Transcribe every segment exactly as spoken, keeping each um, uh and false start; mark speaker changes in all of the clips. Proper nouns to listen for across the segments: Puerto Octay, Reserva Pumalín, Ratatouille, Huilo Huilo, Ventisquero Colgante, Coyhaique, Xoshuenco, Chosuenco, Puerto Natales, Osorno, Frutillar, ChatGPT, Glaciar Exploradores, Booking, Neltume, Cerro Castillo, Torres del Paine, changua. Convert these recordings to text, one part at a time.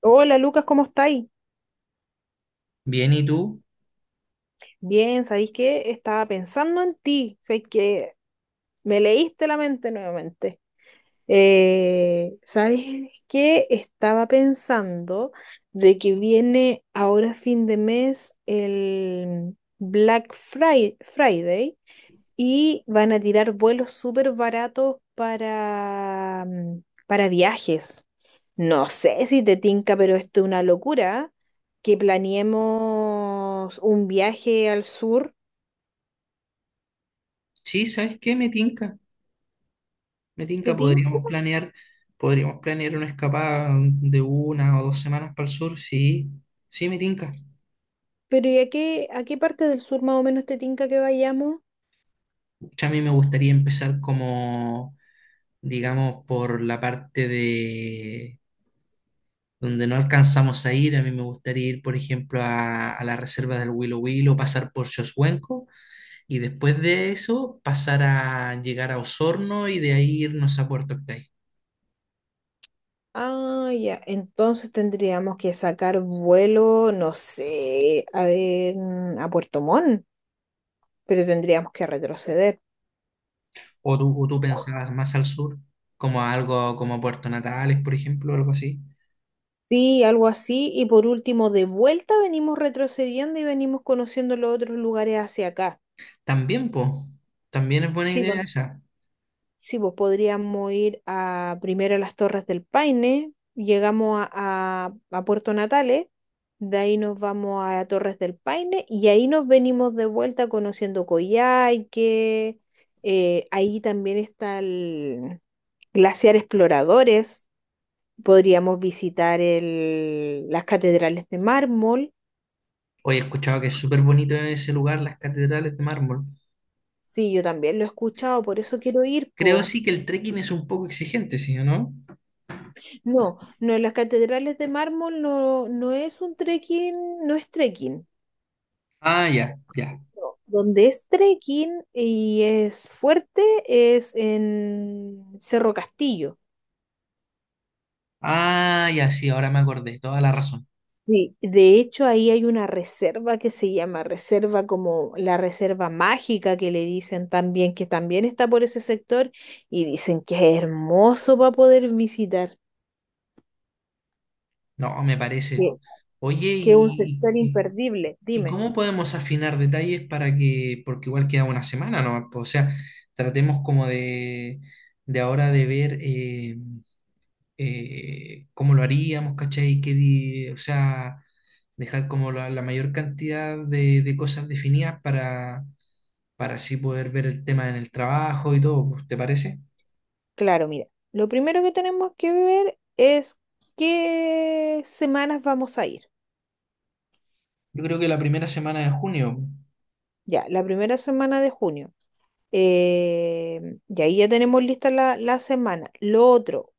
Speaker 1: Hola Lucas, ¿cómo estáis?
Speaker 2: Bien, ¿y tú?
Speaker 1: Bien, ¿sabéis qué? Estaba pensando en ti, ¿sabéis que me leíste la mente nuevamente. Eh, ¿sabéis qué? Estaba pensando de que viene ahora fin de mes el Black Fri- Friday y van a tirar vuelos súper baratos para, mm, para viajes. No sé si te tinca, pero esto es una locura. Que planeemos un viaje al sur,
Speaker 2: Sí, ¿sabes qué? Me tinca, me
Speaker 1: ¿te
Speaker 2: tinca.
Speaker 1: tinca?
Speaker 2: Podríamos planear, podríamos planear una escapada de una o dos semanas para el sur. Sí, sí, me tinca.
Speaker 1: Pero ¿y a qué, a qué parte del sur más o menos te tinca que vayamos?
Speaker 2: Pucha, A mí me gustaría empezar como, digamos, por la parte de donde no alcanzamos a ir. A mí me gustaría ir, por ejemplo, a, a la reserva del Huilo Huilo, pasar por Xoshuenco y después de eso pasar a llegar a Osorno y de ahí irnos a Puerto Octay.
Speaker 1: Ah, ya. Entonces tendríamos que sacar vuelo, no sé, a ver, a Puerto Montt, pero tendríamos que retroceder.
Speaker 2: O tú, o tú pensabas más al sur, como algo como Puerto Natales, por ejemplo, algo así.
Speaker 1: Sí, algo así. Y por último, de vuelta venimos retrocediendo y venimos conociendo los otros lugares hacia acá.
Speaker 2: También, po, también es buena
Speaker 1: Sí,
Speaker 2: idea
Speaker 1: pues,
Speaker 2: esa.
Speaker 1: sí, pues podríamos ir a, primero a las Torres del Paine, llegamos a, a- a Puerto Natales, de ahí nos vamos a Torres del Paine y ahí nos venimos de vuelta conociendo Coyhaique, eh, ahí también está el Glaciar Exploradores, podríamos visitar el- las catedrales de mármol,
Speaker 2: Hoy he escuchado que es súper bonito ese lugar, las catedrales de mármol.
Speaker 1: sí, yo también lo he escuchado, por eso quiero ir,
Speaker 2: Creo
Speaker 1: pues.
Speaker 2: sí que el trekking es un poco exigente, ¿sí o no?
Speaker 1: No, no, en las catedrales de mármol no, no es un trekking, no es trekking.
Speaker 2: Ah, ya, ya.
Speaker 1: No. Donde es trekking y es fuerte es en Cerro Castillo.
Speaker 2: Ah, ya, sí, ahora me acordé, toda la razón.
Speaker 1: Sí. De hecho, ahí hay una reserva que se llama reserva como la reserva mágica que le dicen también, que también está por ese sector y dicen que es hermoso para poder visitar,
Speaker 2: No, me parece.
Speaker 1: que,
Speaker 2: Oye,
Speaker 1: que es un
Speaker 2: ¿y,
Speaker 1: sector
Speaker 2: y,
Speaker 1: imperdible.
Speaker 2: y
Speaker 1: Dime.
Speaker 2: cómo podemos afinar detalles para que, porque igual queda una semana nomás, po, o sea, tratemos como de, de ahora de ver eh, eh, cómo lo haríamos, ¿cachai? ¿Qué di- o sea, dejar como la, la mayor cantidad de, de, cosas definidas para, para así poder ver el tema en el trabajo y todo, pues, ¿te parece?
Speaker 1: Claro, mira, lo primero que tenemos que ver es qué semanas vamos a ir.
Speaker 2: Yo creo que la primera semana de junio.
Speaker 1: Ya, la primera semana de junio. Eh, y ahí ya tenemos lista la, la semana. Lo otro,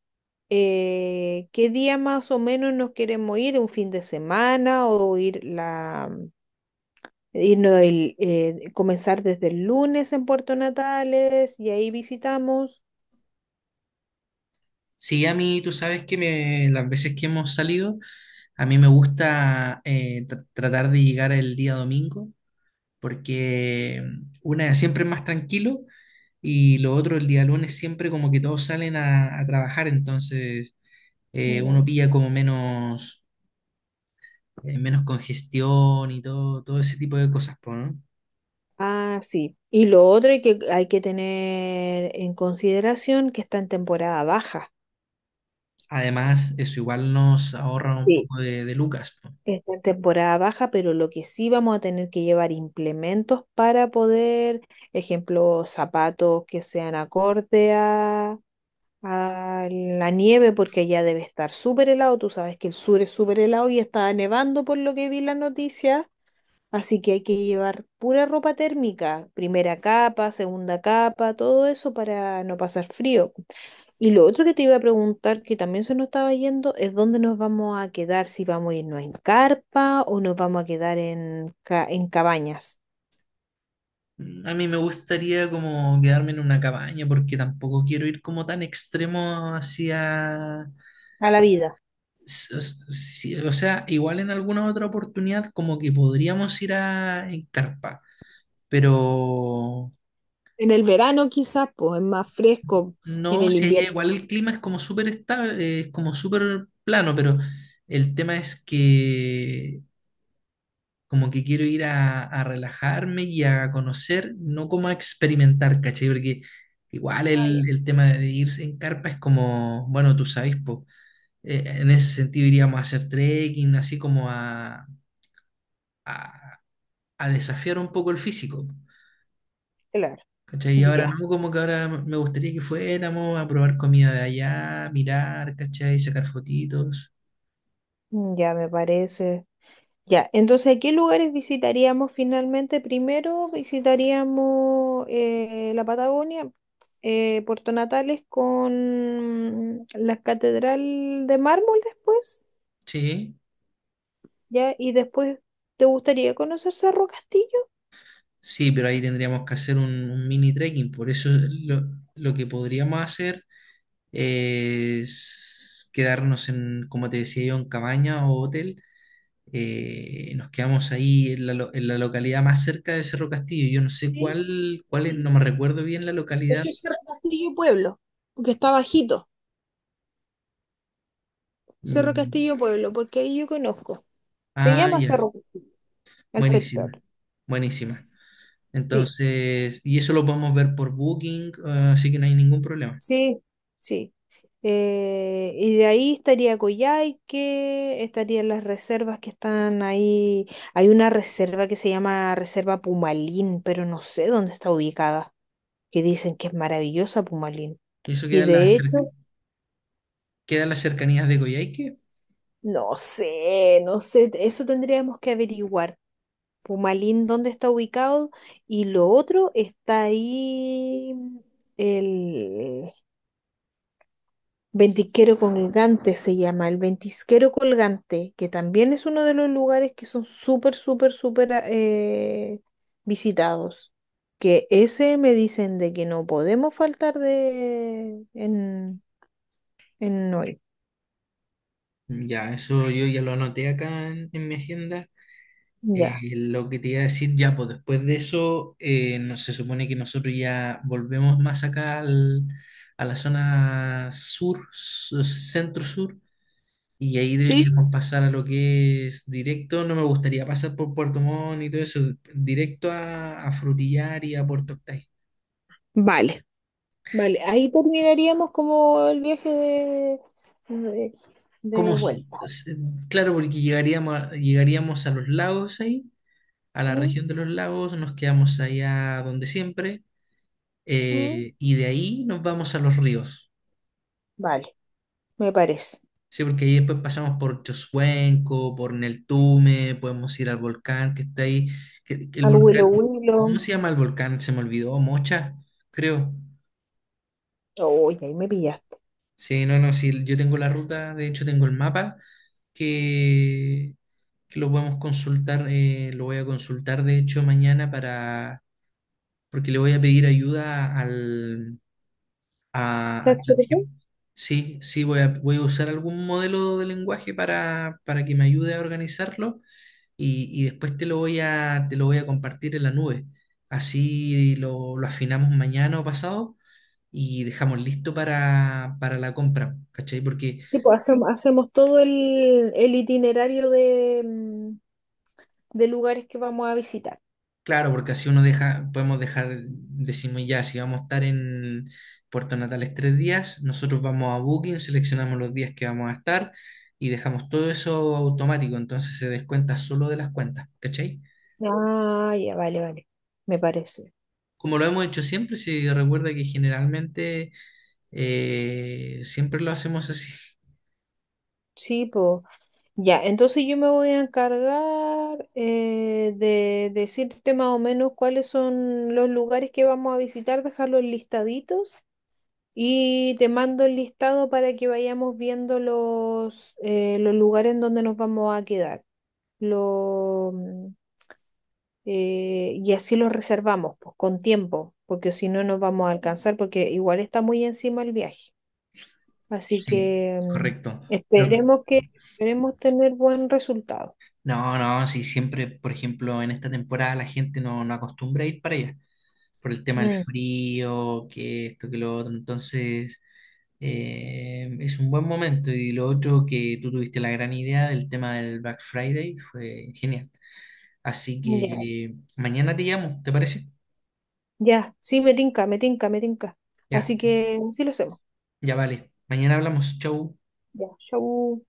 Speaker 1: eh, ¿qué día más o menos nos queremos ir? ¿Un fin de semana o ir la, irnos el, eh, comenzar desde el lunes en Puerto Natales y ahí visitamos?
Speaker 2: Sí, a mí, tú sabes que me, las veces que hemos salido, a mí me gusta eh, tr- tratar de llegar el día domingo, porque una siempre es más tranquilo y lo otro el día lunes siempre como que todos salen a a trabajar, entonces eh, uno
Speaker 1: Mm,
Speaker 2: pilla como menos, eh, menos congestión y todo, todo ese tipo de cosas, po, ¿no?
Speaker 1: ah, sí. Y lo otro hay que, hay que tener en consideración que está en temporada baja.
Speaker 2: Además, eso igual nos ahorra un
Speaker 1: Sí.
Speaker 2: poco de, de lucas, po.
Speaker 1: Está en temporada baja, pero lo que sí vamos a tener que llevar implementos para poder, ejemplo, zapatos que sean acorde a, a la nieve, porque allá debe estar súper helado. Tú sabes que el sur es súper helado y está nevando por lo que vi en la noticia. Así que hay que llevar pura ropa térmica, primera capa, segunda capa, todo eso para no pasar frío. Y lo otro que te iba a preguntar, que también se nos estaba yendo, es dónde nos vamos a quedar, si vamos a irnos en carpa o nos vamos a quedar en, ca- en cabañas.
Speaker 2: Mm, A mí me gustaría como quedarme en una cabaña porque tampoco quiero ir como tan extremo hacia
Speaker 1: A la vida.
Speaker 2: s- s- si- o sea, igual en alguna otra oportunidad como que podríamos ir a en carpa, pero
Speaker 1: En el verano quizás, pues es más fresco, en
Speaker 2: no,
Speaker 1: el
Speaker 2: si allá igual
Speaker 1: invierno.
Speaker 2: el clima es como súper estable, es como súper plano, pero el tema es que como que quiero ir a, a relajarme y a conocer, no como a experimentar, ¿cachai? Porque igual
Speaker 1: Ah, ya,
Speaker 2: el, el tema de irse en carpa es como, bueno, tú sabes, po, eh, en ese sentido iríamos a hacer trekking, así como a, a, a desafiar un poco el físico,
Speaker 1: claro,
Speaker 2: ¿cachai? Y ahora
Speaker 1: ya,
Speaker 2: no, como que ahora me gustaría que fuéramos a probar comida de allá, mirar, ¿cachai? Sacar fotitos.
Speaker 1: ya me parece. Ya, entonces, ¿qué lugares visitaríamos finalmente? Primero visitaríamos eh, la Patagonia, eh, Puerto Natales con la Catedral de Mármol después,
Speaker 2: Sí,
Speaker 1: ¿ya? Y después, ¿te gustaría conocer Cerro Castillo?
Speaker 2: sí, pero ahí tendríamos que hacer un, un mini trekking. Por eso lo, lo que podríamos hacer es quedarnos en, como te decía yo, en cabaña o hotel. Eh, nos quedamos ahí en la, lo- en la localidad más cerca de Cerro Castillo. Yo no sé
Speaker 1: Sí,
Speaker 2: cuál, cuál es, no
Speaker 1: sí.
Speaker 2: me recuerdo bien la
Speaker 1: Es
Speaker 2: localidad.
Speaker 1: que Cerro Castillo Pueblo, porque está bajito. Cerro
Speaker 2: Mm,
Speaker 1: Castillo Pueblo, porque ahí yo conozco. Se
Speaker 2: ah,
Speaker 1: llama
Speaker 2: ya,
Speaker 1: Cerro, el sector.
Speaker 2: buenísima, buenísima.
Speaker 1: Sí,
Speaker 2: Entonces, y eso lo podemos ver por Booking, eh, así que no hay ningún problema.
Speaker 1: sí, sí. Eh, y de ahí estaría Coyhaique, estarían las reservas que están ahí. Hay una reserva que se llama Reserva Pumalín, pero no sé dónde está ubicada. Que dicen que es maravillosa Pumalín.
Speaker 2: Y eso
Speaker 1: Y
Speaker 2: queda en la
Speaker 1: de
Speaker 2: cerca.
Speaker 1: hecho,
Speaker 2: Quedan las cercanías de Coyhaique.
Speaker 1: no sé, no sé, eso tendríamos que averiguar. Pumalín, ¿dónde está ubicado? Y lo otro está ahí, el Ventisquero Colgante se llama, el Ventisquero Colgante, que también es uno de los lugares que son súper, súper, súper ah, eh, visitados. Que ese me dicen de que no podemos faltar de en, en Noel.
Speaker 2: Ya, eso yo ya lo anoté acá en, en, mi agenda. Eh,
Speaker 1: Ya.
Speaker 2: lo que te iba a decir ya, pues después de eso, eh, no, se supone que nosotros ya volvemos más acá al- a la zona sur, su- centro-sur, y ahí
Speaker 1: ¿Sí?
Speaker 2: deberíamos pasar a lo que es directo. No me gustaría pasar por Puerto Montt y todo eso, directo a, a Frutillar y a Puerto Octay.
Speaker 1: Vale. Vale, ahí terminaríamos como el viaje de, de,
Speaker 2: como
Speaker 1: de
Speaker 2: s-
Speaker 1: vuelta.
Speaker 2: s- Claro, porque llegaríamos, a- llegaríamos a los lagos ahí, a la región de los lagos, nos quedamos allá donde siempre,
Speaker 1: Mm,
Speaker 2: eh, y de ahí nos vamos a los ríos,
Speaker 1: vale, me parece.
Speaker 2: ¿sí? Porque ahí después pasamos por Chosuenco, por Neltume, podemos ir al volcán que está ahí, que, que el
Speaker 1: Al
Speaker 2: volcán,
Speaker 1: Willow
Speaker 2: ¿cómo
Speaker 1: Willow.
Speaker 2: se llama el volcán? Se me olvidó, Mocha, creo.
Speaker 1: Oye, ahí me pillaste.
Speaker 2: Sí, no, no, sí, yo tengo la ruta, de hecho tengo el mapa que, que lo podemos consultar, eh, lo voy a consultar de hecho mañana para, porque le voy a pedir ayuda al, a,
Speaker 1: ¿Sabes
Speaker 2: a
Speaker 1: qué?
Speaker 2: ChatGPT. Sí, sí, voy a, voy a usar algún modelo de lenguaje para, para que me ayude a organizarlo y, y después te lo voy a, te lo voy a compartir en la nube. Así lo, lo afinamos mañana o pasado y dejamos listo para, para la compra, ¿cachai? Porque
Speaker 1: Tipo, hacemos, hacemos todo el, el itinerario de, mm, de lugares que vamos a visitar.
Speaker 2: claro, porque así uno deja, podemos dejar, decimos ya, si vamos a estar en Puerto Natales tres días, nosotros vamos a Booking, seleccionamos los días que vamos a estar y dejamos todo eso automático, entonces se descuenta solo de las cuentas, ¿cachai?
Speaker 1: Ah, ya, vale, vale. Me parece.
Speaker 2: Como lo hemos hecho siempre, si recuerda que generalmente eh, siempre lo hacemos así.
Speaker 1: Sí, pues. Ya, entonces yo me voy a encargar eh, de decirte más o menos cuáles son los lugares que vamos a visitar, dejarlos listaditos y te mando el listado para que vayamos viendo los, eh, los lugares en donde nos vamos a quedar. Lo, mm, eh, y así los reservamos, pues, con tiempo, porque si no nos vamos a alcanzar, porque igual está muy encima el viaje. Así
Speaker 2: Sí,
Speaker 1: que mm,
Speaker 2: correcto. Lo que-
Speaker 1: esperemos que esperemos tener buen resultado.
Speaker 2: No, no, sí, siempre, por ejemplo, en esta temporada la gente no, no acostumbra a ir para allá, por el tema del
Speaker 1: Mm,
Speaker 2: frío, que esto, que lo otro, entonces eh, es un buen momento. Y lo otro que tú tuviste la gran idea del tema del Black Friday fue genial. Así
Speaker 1: ya,
Speaker 2: que mañana te llamo, ¿te parece?
Speaker 1: ya, sí, me tinca, me tinca, me tinca.
Speaker 2: Ya,
Speaker 1: Así que sí lo hacemos.
Speaker 2: ya vale. Mañana hablamos, chau.
Speaker 1: Ya, chau.